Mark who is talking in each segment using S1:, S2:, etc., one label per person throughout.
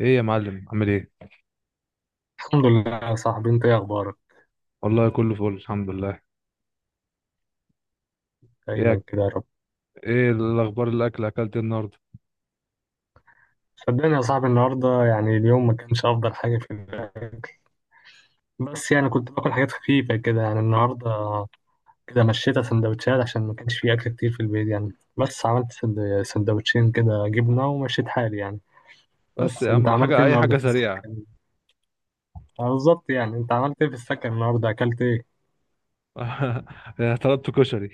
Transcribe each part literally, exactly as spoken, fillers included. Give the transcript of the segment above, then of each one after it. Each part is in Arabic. S1: ايه يا معلم، عامل ايه؟
S2: الحمد لله يا صاحبي، انت ايه اخبارك؟
S1: والله كله فل، الحمد لله. ايه
S2: دايما
S1: أك...
S2: كده يا رب.
S1: ايه الاخبار؟ الاكل اكلت إيه النهارده؟
S2: صدقني يا صاحبي النهارده يعني اليوم ما كانش افضل حاجه في الاكل. بس يعني كنت باكل حاجات خفيفه كده يعني النهارده، كده مشيت سندوتشات عشان ما كانش في اكل كتير في البيت يعني. بس عملت سند- سندوتشين كده جبنه ومشيت حالي يعني.
S1: بس
S2: بس
S1: يا
S2: انت
S1: عم
S2: عملت
S1: حاجه،
S2: ايه
S1: اي
S2: النهارده
S1: حاجه
S2: في
S1: سريعه.
S2: السكن؟ اه بالظبط، يعني انت عملت ايه في السكن النهارده، اكلت ايه؟
S1: طلبت كشري.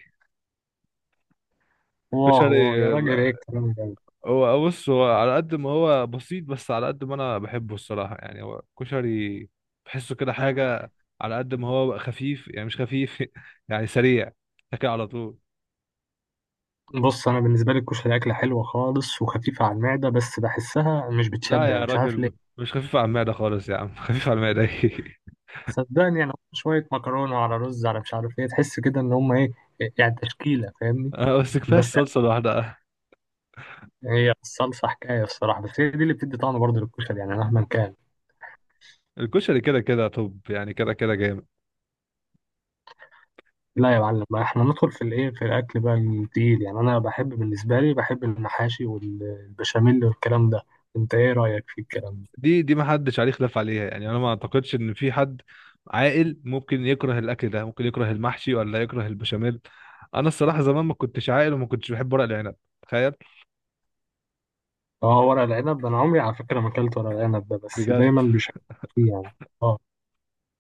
S2: واه
S1: كشري،
S2: واه يا راجل، ايه
S1: آه.
S2: الكلام ده!
S1: هو بص، هو على قد ما هو بسيط، بس على قد ما انا بحبه الصراحه، يعني هو كشري. بحسه كده حاجه. على قد ما هو خفيف يعني مش خفيف، يعني سريع، تاكل على طول.
S2: بص انا بالنسبه لي الكشري اكله حلوه خالص وخفيفه على المعده، بس بحسها مش
S1: لا
S2: بتشبع،
S1: يا
S2: مش
S1: راجل،
S2: عارف ليه.
S1: م- مش خفيف على المعده خالص يا عم. خفيف على المعده؟ ايه.
S2: صدقني يعني هم شوية مكرونة على رز على مش عارف ايه، تحس كده ان هم ايه يعني، تشكيلة، فاهمني؟
S1: آه، بس كفايه
S2: بس يعني
S1: الصلصه لوحدها.
S2: هي الصلصة حكاية الصراحة، بس هي دي اللي بتدي طعم برضه للكشري يعني مهما كان.
S1: الكشري كده كده، طب يعني كده كده جامد.
S2: لا يا معلم بقى، احنا ندخل في الايه، في الاكل بقى التقيل، يعني انا بحب بالنسبة لي بحب المحاشي والبشاميل والكلام ده. انت ايه رأيك في الكلام ده؟
S1: دي دي ما حدش عليه خلاف عليها، يعني انا ما اعتقدش ان في حد عاقل ممكن يكره الاكل ده، ممكن يكره المحشي ولا يكره البشاميل. انا الصراحه زمان ما كنتش عاقل، وما كنتش بحب ورق العنب، تخيل.
S2: اه ورق العنب، انا عمري على فكرة ما اكلت ورق العنب ده، بس
S1: بجد
S2: دايما بيشكل فيه يعني. اه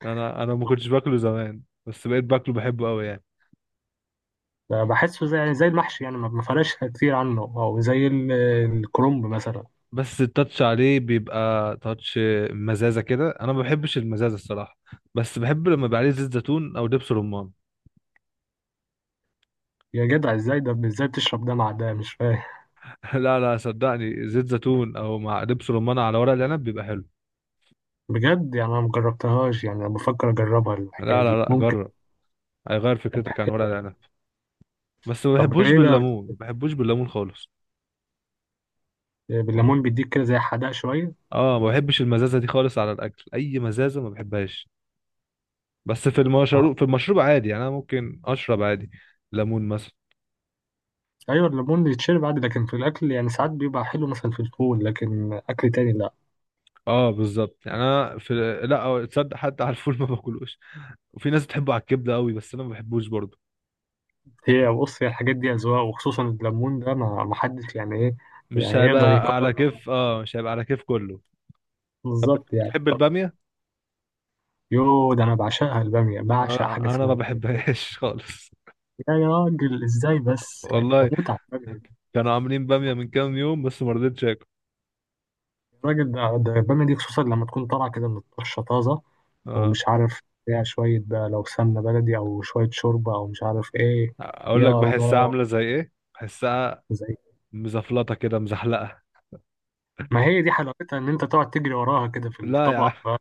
S1: انا انا ما كنتش باكله زمان، بس بقيت باكله، بحبه قوي يعني.
S2: بحسه زي يعني زي المحشي يعني ما ما فرقش كتير عنه، او زي ال- الكرنب مثلا.
S1: بس التاتش عليه بيبقى تاتش، مزازه كده، انا ما بحبش المزازه الصراحه. بس بحب لما يبقى عليه زيت زيتون او دبس رمان.
S2: يا جدع ازاي ده؟ ازاي بتشرب دلع ده، مش فاهم!
S1: لا، لا، صدقني، زيت زيتون او مع دبس رمان على ورق العنب بيبقى حلو.
S2: بجد يعني انا مجربتهاش، يعني انا بفكر اجربها الحكايه
S1: لا، لا،
S2: دي
S1: لا،
S2: ممكن.
S1: جرب، هيغير
S2: طب
S1: فكرتك عن ورق
S2: حلو.
S1: العنب. بس ما
S2: طب
S1: بحبوش
S2: ايه بقى بت-
S1: بالليمون، ما بحبوش بالليمون خالص.
S2: بالليمون، بيديك كده زي حدق شويه.
S1: اه، ما بحبش المزازه دي خالص على الاكل، اي مزازه ما بحبهاش. بس في
S2: اه
S1: المشروب، في المشروب عادي، يعني انا ممكن اشرب عادي ليمون مثلا.
S2: ايوه الليمون يتشرب عادي، لكن في الاكل يعني ساعات بيبقى حلو مثلا في الفول، لكن اكل تاني لا.
S1: اه بالظبط، يعني انا في. لا، تصدق حتى على الفول ما باكلوش. وفي ناس بتحبه على الكبده قوي بس انا ما بحبوش برضه.
S2: هي بص هي الحاجات دي اذواق، وخصوصا الليمون ده ما ما حدش يعني ايه،
S1: مش
S2: يعني يقدر
S1: هيبقى على
S2: يقرر.
S1: كيف، اه مش هيبقى على كيف كله. طب
S2: بالظبط يعني،
S1: بتحب
S2: طب.
S1: الباميه؟
S2: يو ده انا بعشقها الباميه، بعشق حاجه
S1: انا انا ما
S2: اسمها باميه بجد.
S1: بحبهاش خالص،
S2: يا راجل ازاي بس يعني؟ ده
S1: والله.
S2: متعه!
S1: كانوا عاملين بامية من كام يوم بس ما رضيتش اكل.
S2: الراجل ده ده بيعمل دي خصوصا لما تكون طالع كده من الطشه طازه،
S1: اه،
S2: ومش عارف فيها شويه بقى لو سمنه بلدي او شويه شوربه او مش عارف ايه.
S1: اقول
S2: يا
S1: لك بحسها
S2: الله،
S1: عاملة زي ايه، بحسها
S2: زي.
S1: مزفلطة كده، مزحلقة.
S2: ما هي دي حلاوتها، ان انت تقعد تجري وراها كده في
S1: لا يا عم.
S2: الطبق بقى.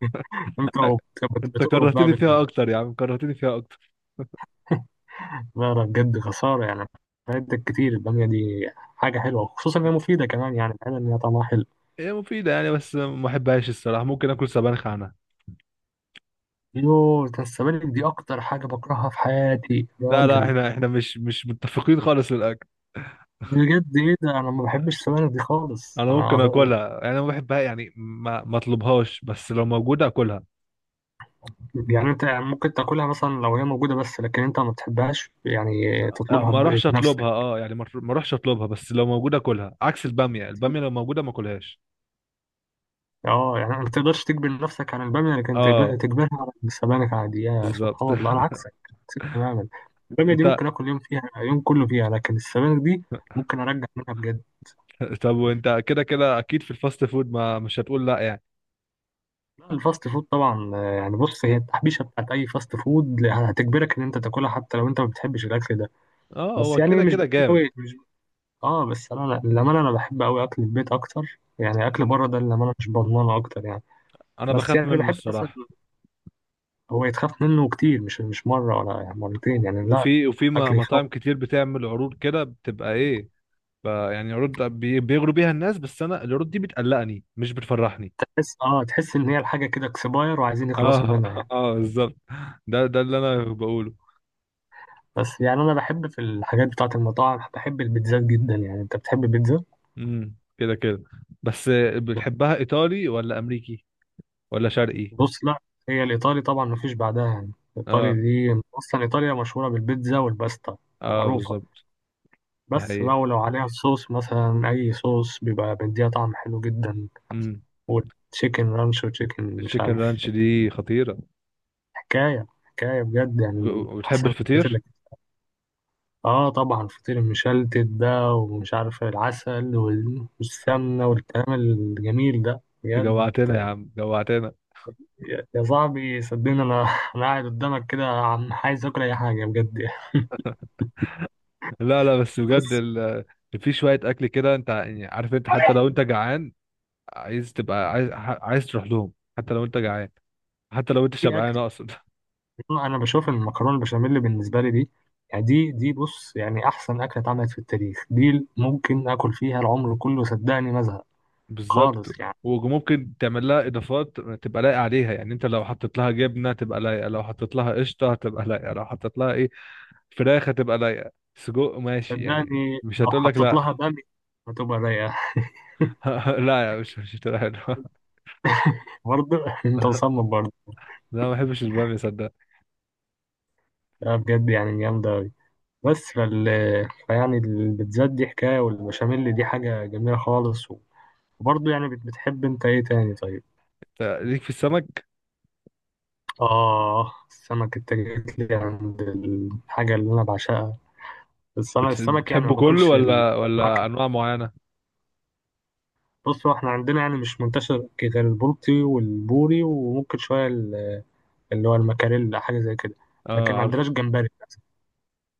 S2: انت وبت-
S1: انت
S2: بتقرب بقى
S1: كرهتني
S2: بال...
S1: فيها اكتر يا عم، كرهتني فيها اكتر.
S2: لا لا بجد خساره يعني، فايدتك كتير الباميه دي، حاجه حلوه، خصوصا انها مفيده كمان، يعني الحلوه ان هي طعمها حلو.
S1: هي مفيدة يعني، بس ما بحبهاش الصراحة، ممكن اكل سبانخ عنها.
S2: يوه ده السبانخ دي اكتر حاجه بكرهها في حياتي يا
S1: لا، لا،
S2: راجل.
S1: احنا احنا مش مش متفقين خالص للاكل.
S2: بجد ايه ده؟ انا ما بحبش السبانخ دي خالص
S1: انا
S2: انا.
S1: ممكن اكلها، يعني ما بحبها يعني، ما ما اطلبهاش، بس لو موجودة اكلها.
S2: يعني انت ممكن تاكلها مثلا لو هي موجوده بس، لكن انت ما بتحبهاش، يعني
S1: آه،
S2: تطلبها
S1: ما
S2: ب-
S1: اروحش
S2: بنفسك.
S1: اطلبها، اه يعني ما ما اروحش اطلبها، بس لو موجودة اكلها، عكس البامية، البامية لو موجودة ما اكلهاش.
S2: اه يعني ما تقدرش تجبر نفسك على الباميه، لكن تجب-
S1: اه
S2: تجبرها على السبانخ عادي؟ يا
S1: بالظبط.
S2: سبحان الله، انا عكسك، عكسك تماما. الباميه دي
S1: انت.
S2: ممكن اكل يوم فيها يوم كله فيها، لكن السبانخ دي ممكن ارجع منها بجد.
S1: طب وانت كده كده اكيد في الفاست فود ما مش هتقول لا يعني.
S2: لا، الفاست فود طبعا، آه، يعني بص هي التحبيشه بتاعت اي فاست فود هتجبرك ان انت تاكلها حتى لو انت ما بتحبش الاكل ده،
S1: اه
S2: بس
S1: هو
S2: يعني
S1: كده
S2: مش
S1: كده جامد.
S2: قوي. اه بس انا أنا- للامانه انا بحب قوي اكل البيت اكتر، يعني اكل بره ده للامانه مش بضمانه اكتر يعني.
S1: انا
S2: بس
S1: بخاف
S2: يعني
S1: منه
S2: بحب مثلا،
S1: الصراحه.
S2: هو يتخاف منه كتير، مش مش مره ولا يعني
S1: و-
S2: مرتين يعني، لا.
S1: وفي وفي م-
S2: اكل يخوف.
S1: مطاعم كتير بتعمل عروض كده، بتبقى ايه، ب- يعني عروض بي- بيغروا بيها الناس، بس انا العروض دي بتقلقني مش بتفرحني.
S2: تحس اه تحس ان هي الحاجه كده اكسباير وعايزين
S1: اه
S2: يخلصوا منها يعني.
S1: اه بالظبط، ده ده اللي انا بقوله.
S2: بس يعني انا بحب في الحاجات بتاعه المطاعم، بحب البيتزات جدا يعني. انت بتحب البيتزا؟
S1: امم كده كده. بس بتحبها ايطالي ولا امريكي ولا شرقي؟
S2: بص لا، هي الايطالي طبعا مفيش بعدها يعني، الايطالي
S1: اه،
S2: دي اصلا ايطاليا مشهوره بالبيتزا والباستا،
S1: اه
S2: معروفه.
S1: بالظبط، دي
S2: بس
S1: حقيقه.
S2: بقى ولو عليها الصوص مثلا أي صوص بيبقى مديها طعم حلو جدا،
S1: امم.
S2: وتشيكن رانش وتشيكن مش
S1: التشيكن
S2: عارف،
S1: رانش دي خطيره.
S2: حكاية حكاية بجد، يعني من
S1: وبتحب
S2: أحسن الحاجات
S1: الفطير؟
S2: اللي. آه طبعا فطير المشلتت ده ومش عارف العسل وال- والسمنة والكلام الجميل ده بجد.
S1: جوعتنا يا عم، جوعتنا.
S2: يا يا صاحبي صدقني أنا أنا قاعد قدامك كده عم عايز آكل أي حاجة بجد يعني.
S1: لا، لا، بس بجد
S2: بس
S1: ال... في شوية أكل كده، أنت يعني عارف، أنت حتى لو أنت جعان عايز تبقى، عايز ح- عايز تروح لهم، حتى لو أنت جعان، حتى لو أنت
S2: في
S1: شبعان
S2: أكل.
S1: أقصد.
S2: انا بشوف ان المكرونه البشاميل بالنسبه لي دي، يعني دي دي بص يعني احسن اكله اتعملت في التاريخ، دي ممكن اكل فيها العمر كله، صدقني ما ازهق
S1: بالظبط.
S2: خالص يعني.
S1: وممكن تعمل لها إضافات تبقى لايقة عليها، يعني أنت لو حطيت لها جبنة تبقى لايقة، لو حطيت لها قشطة هتبقى لايقة، لو حطيت لها إيه فراخ هتبقى لايقة، سجق ماشي، يعني
S2: صدقني
S1: مش
S2: لو
S1: هتقول لك
S2: حطيت
S1: لا.
S2: لها بامي هتبقى رايقه.
S1: لا يا، مش مش هتقول لها لا.
S2: برضه، انت مصمم برضه.
S1: لا، ما بحبش البامية صدق.
S2: لا بجد يعني جامده أوي. بس فال، فيعني البيتزات دي حكايه، والبشاميل دي حاجه جميله خالص. وبرضه يعني بت- بتحب انت ايه تاني طيب؟
S1: ليك في السمك؟
S2: اه السمك، انت جيت لي عند الحاجه اللي انا بعشقها، بس انا
S1: بت-
S2: السمك يعني ما
S1: بتحبه كله
S2: باكلش
S1: ولا ولا
S2: البراكت.
S1: انواع معينه؟
S2: بص هو احنا عندنا يعني مش منتشر غير البلطي والبوري، وممكن شويه ال- اللي هو المكاريل، حاجه زي كده. لكن
S1: اه
S2: ما
S1: عارف.
S2: عندناش جمبري للأسف.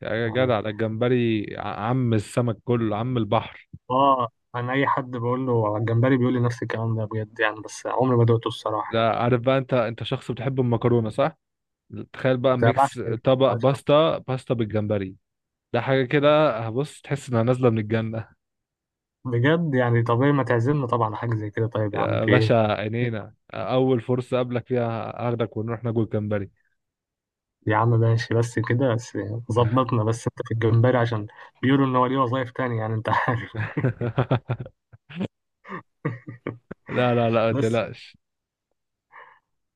S1: يا
S2: يعني
S1: جدع، ده الجمبري ع- عم السمك كله، عم البحر.
S2: اه انا اي حد بقول له على الجمبري بيقول لي نفس الكلام ده بجد يعني، بس عمري ما دقته الصراحه
S1: ده
S2: يعني.
S1: عارف بقى، انت انت شخص بتحب المكرونه صح. تخيل بقى،
S2: ده بعشق،
S1: ميكس طبق
S2: بعشق.
S1: باستا، باستا بالجمبري، ده حاجه كده هبص، تحس انها نازله من الجنه.
S2: بجد يعني طبيعي، ما تعزمنا طبعا على حاجه زي كده، طيب يا عم
S1: يا
S2: في
S1: باشا
S2: ايه.
S1: عينينا، اول فرصه اقابلك فيها هاخدك ونروح ناكل جمبري.
S2: يا عم ماشي، بس كده بس، ظبطنا. بس انت في الجمبري، عشان بيقولوا ان هو ليه وظايف تانية يعني، انت عارف.
S1: لا، لا، لا، ما
S2: بس
S1: تقلقش.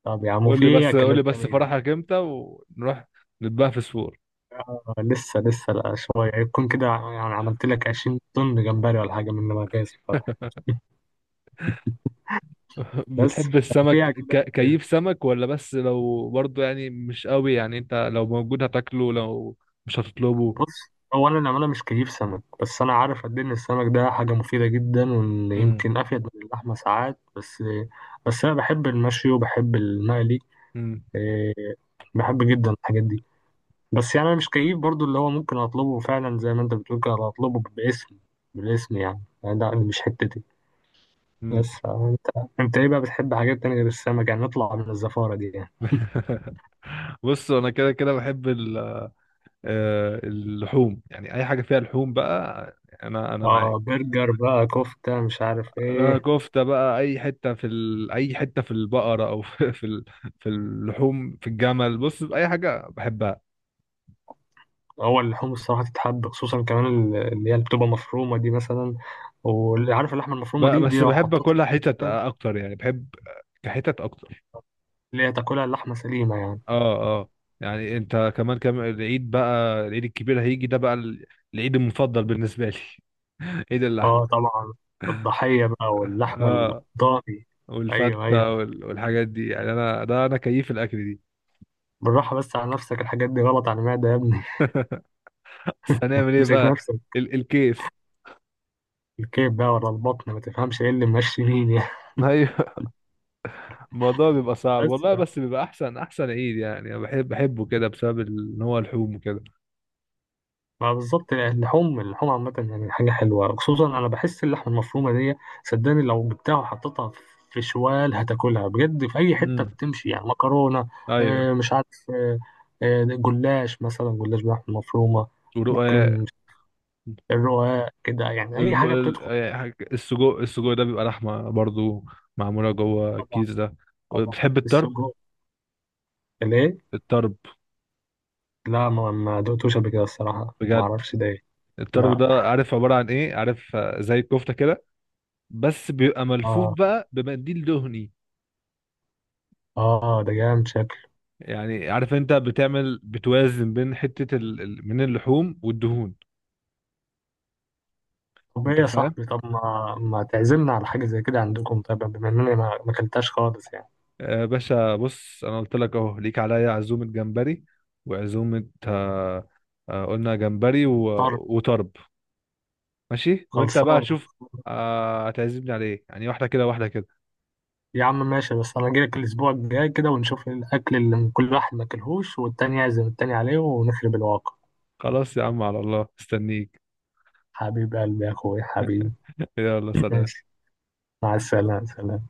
S2: طب يا عم،
S1: قول لي
S2: وفي
S1: بس، قول لي
S2: أكلات
S1: بس
S2: تانية يعني؟
S1: فرحك امتى ونروح نتبقى في سور.
S2: آه لسه لسه، لا شوية يكون كده، يعني عملت لك عشرين طن جمبري ولا حاجة من لما جاي الفرح. بس
S1: بتحب السمك؟
S2: فيها كده،
S1: ك... كيف سمك؟ ولا بس لو برضو، يعني مش قوي، يعني انت لو موجود هتاكله، لو مش هتطلبه.
S2: بص هو أنا أنا مش كيف سمك، بس أنا عارف قد إيه إن السمك ده حاجة مفيدة جدا، وإن
S1: امم.
S2: يمكن أفيد من اللحمة ساعات. بس بس أنا بحب المشي وبحب المقلي،
S1: امم.
S2: إيه، بحب جدا الحاجات دي. بس يعني أنا مش كيف برضو، اللي هو ممكن أطلبه فعلا زي ما أنت بتقول كده، أطلبه باسم، بالاسم يعني، يعني ده مش حتتي.
S1: امم.
S2: بس آه، انت انت ايه بقى بتحب حاجات تانية غير السمك، يعني نطلع من الزفارة دي يعني.
S1: بص انا كده كده بحب ال... آه، اللحوم، يعني اي حاجه فيها لحوم بقى، انا انا
S2: اه
S1: معاك.
S2: برجر بقى، كفتة، مش عارف
S1: انا
S2: ايه.
S1: كفته بقى، اي حته في ال... اي حته في البقره، او في في ال... في اللحوم، في الجمل، بص اي حاجه بحبها.
S2: هو اللحوم الصراحة تتحب، خصوصا كمان ال- اللي هي اللي بتبقى مفرومة دي مثلا، واللي عارف اللحمة
S1: ب-
S2: المفرومة دي دي
S1: بس
S2: لو
S1: بحب
S2: حطيتها،
S1: اكلها حتت اكتر يعني، بحب كحتت اكتر.
S2: اللي هي تاكلها اللحمة سليمة يعني.
S1: اه، اه. يعني انت كمان كم العيد بقى، العيد الكبير هيجي ده بقى، ال- العيد المفضل بالنسبه لي. عيد اللحمه.
S2: اه طبعا، الضحية بقى واللحمة
S1: اه،
S2: الضاني. ايوه ايوه،
S1: والفته وال- والحاجات دي يعني، انا ده انا كيف الاكل دي،
S2: بالراحة بس على نفسك، الحاجات دي غلط على المعدة يا ابني.
S1: بس هنعمل ايه
S2: امسك
S1: بقى؟
S2: نفسك،
S1: ال الكيف.
S2: الكيف بقى، ولا البطن ما تفهمش ايه اللي ماشي مين يعني.
S1: ايوه. الموضوع بيبقى صعب،
S2: بس
S1: والله،
S2: يعني.
S1: بس بيبقى احسن احسن عيد، يعني انا بحب بحبه كده بسبب ال- ان هو لحوم وكده.
S2: ما بالظبط اللحوم، اللحوم عامة يعني حاجة حلوة، خصوصا أنا بحس اللحمة المفرومة دي، صدقني لو جبتها وحطيتها في شوال هتاكلها بجد، في أي حتة
S1: امم.
S2: بتمشي يعني، مكرونة،
S1: ايوه.
S2: آه، مش عارف، آه، آه، جلاش مثلا، جلاش بلحمة مفرومة،
S1: ورقاق.
S2: ممكن الرقاق كده، يعني أي
S1: الم...
S2: حاجة
S1: ال-
S2: بتدخل.
S1: آه، حاجة- السجق، السجق ده بيبقى لحمه برضو، معموله جوه
S2: طبعا
S1: الكيس ده.
S2: طبعا.
S1: بتحب الطرب؟
S2: السجق؟ ليه؟
S1: الطرب.
S2: لا ما ما دقتوش قبل كده الصراحة، ما
S1: بجد.
S2: أعرفش ده إيه.
S1: الطرب
S2: لا.
S1: ده عارف عبارة عن ايه؟ عارف آه، زي الكفتة كده، بس بيبقى ملفوف
S2: آه
S1: بقى بمنديل دهني.
S2: آه ده جامد شكله.
S1: يعني عارف انت بتعمل بتوازن بين حتة ال... ال- من اللحوم والدهون.
S2: طب ايه
S1: انت
S2: يا
S1: فاهم.
S2: صاحبي، طب ما ما تعزمنا على حاجة زي كده عندكم، طيب بما انني ما ما اكلتهاش خالص يعني.
S1: آه، يا باشا، بص انا قلت لك اهو ليك عليا عزومة جمبري، وعزومة آه، آه، قلنا جمبري و...
S2: طر.
S1: وطرب، ماشي، وانت بقى
S2: خلصانة.
S1: تشوف. آه، هتعزمني على ايه يعني؟ واحدة كده، واحدة كده.
S2: يا عم ماشي، بس انا اجيلك الاسبوع الجاي كده ونشوف الاكل اللي من كل واحد ما اكلهوش، والتاني يعزم التاني عليه، ونخرب الواقع.
S1: خلاص يا عم، على الله استنيك.
S2: حبيب قلبي يا اخويا، حبيبي.
S1: يلا سلام.
S2: ماشي، مع السلامة، سلام.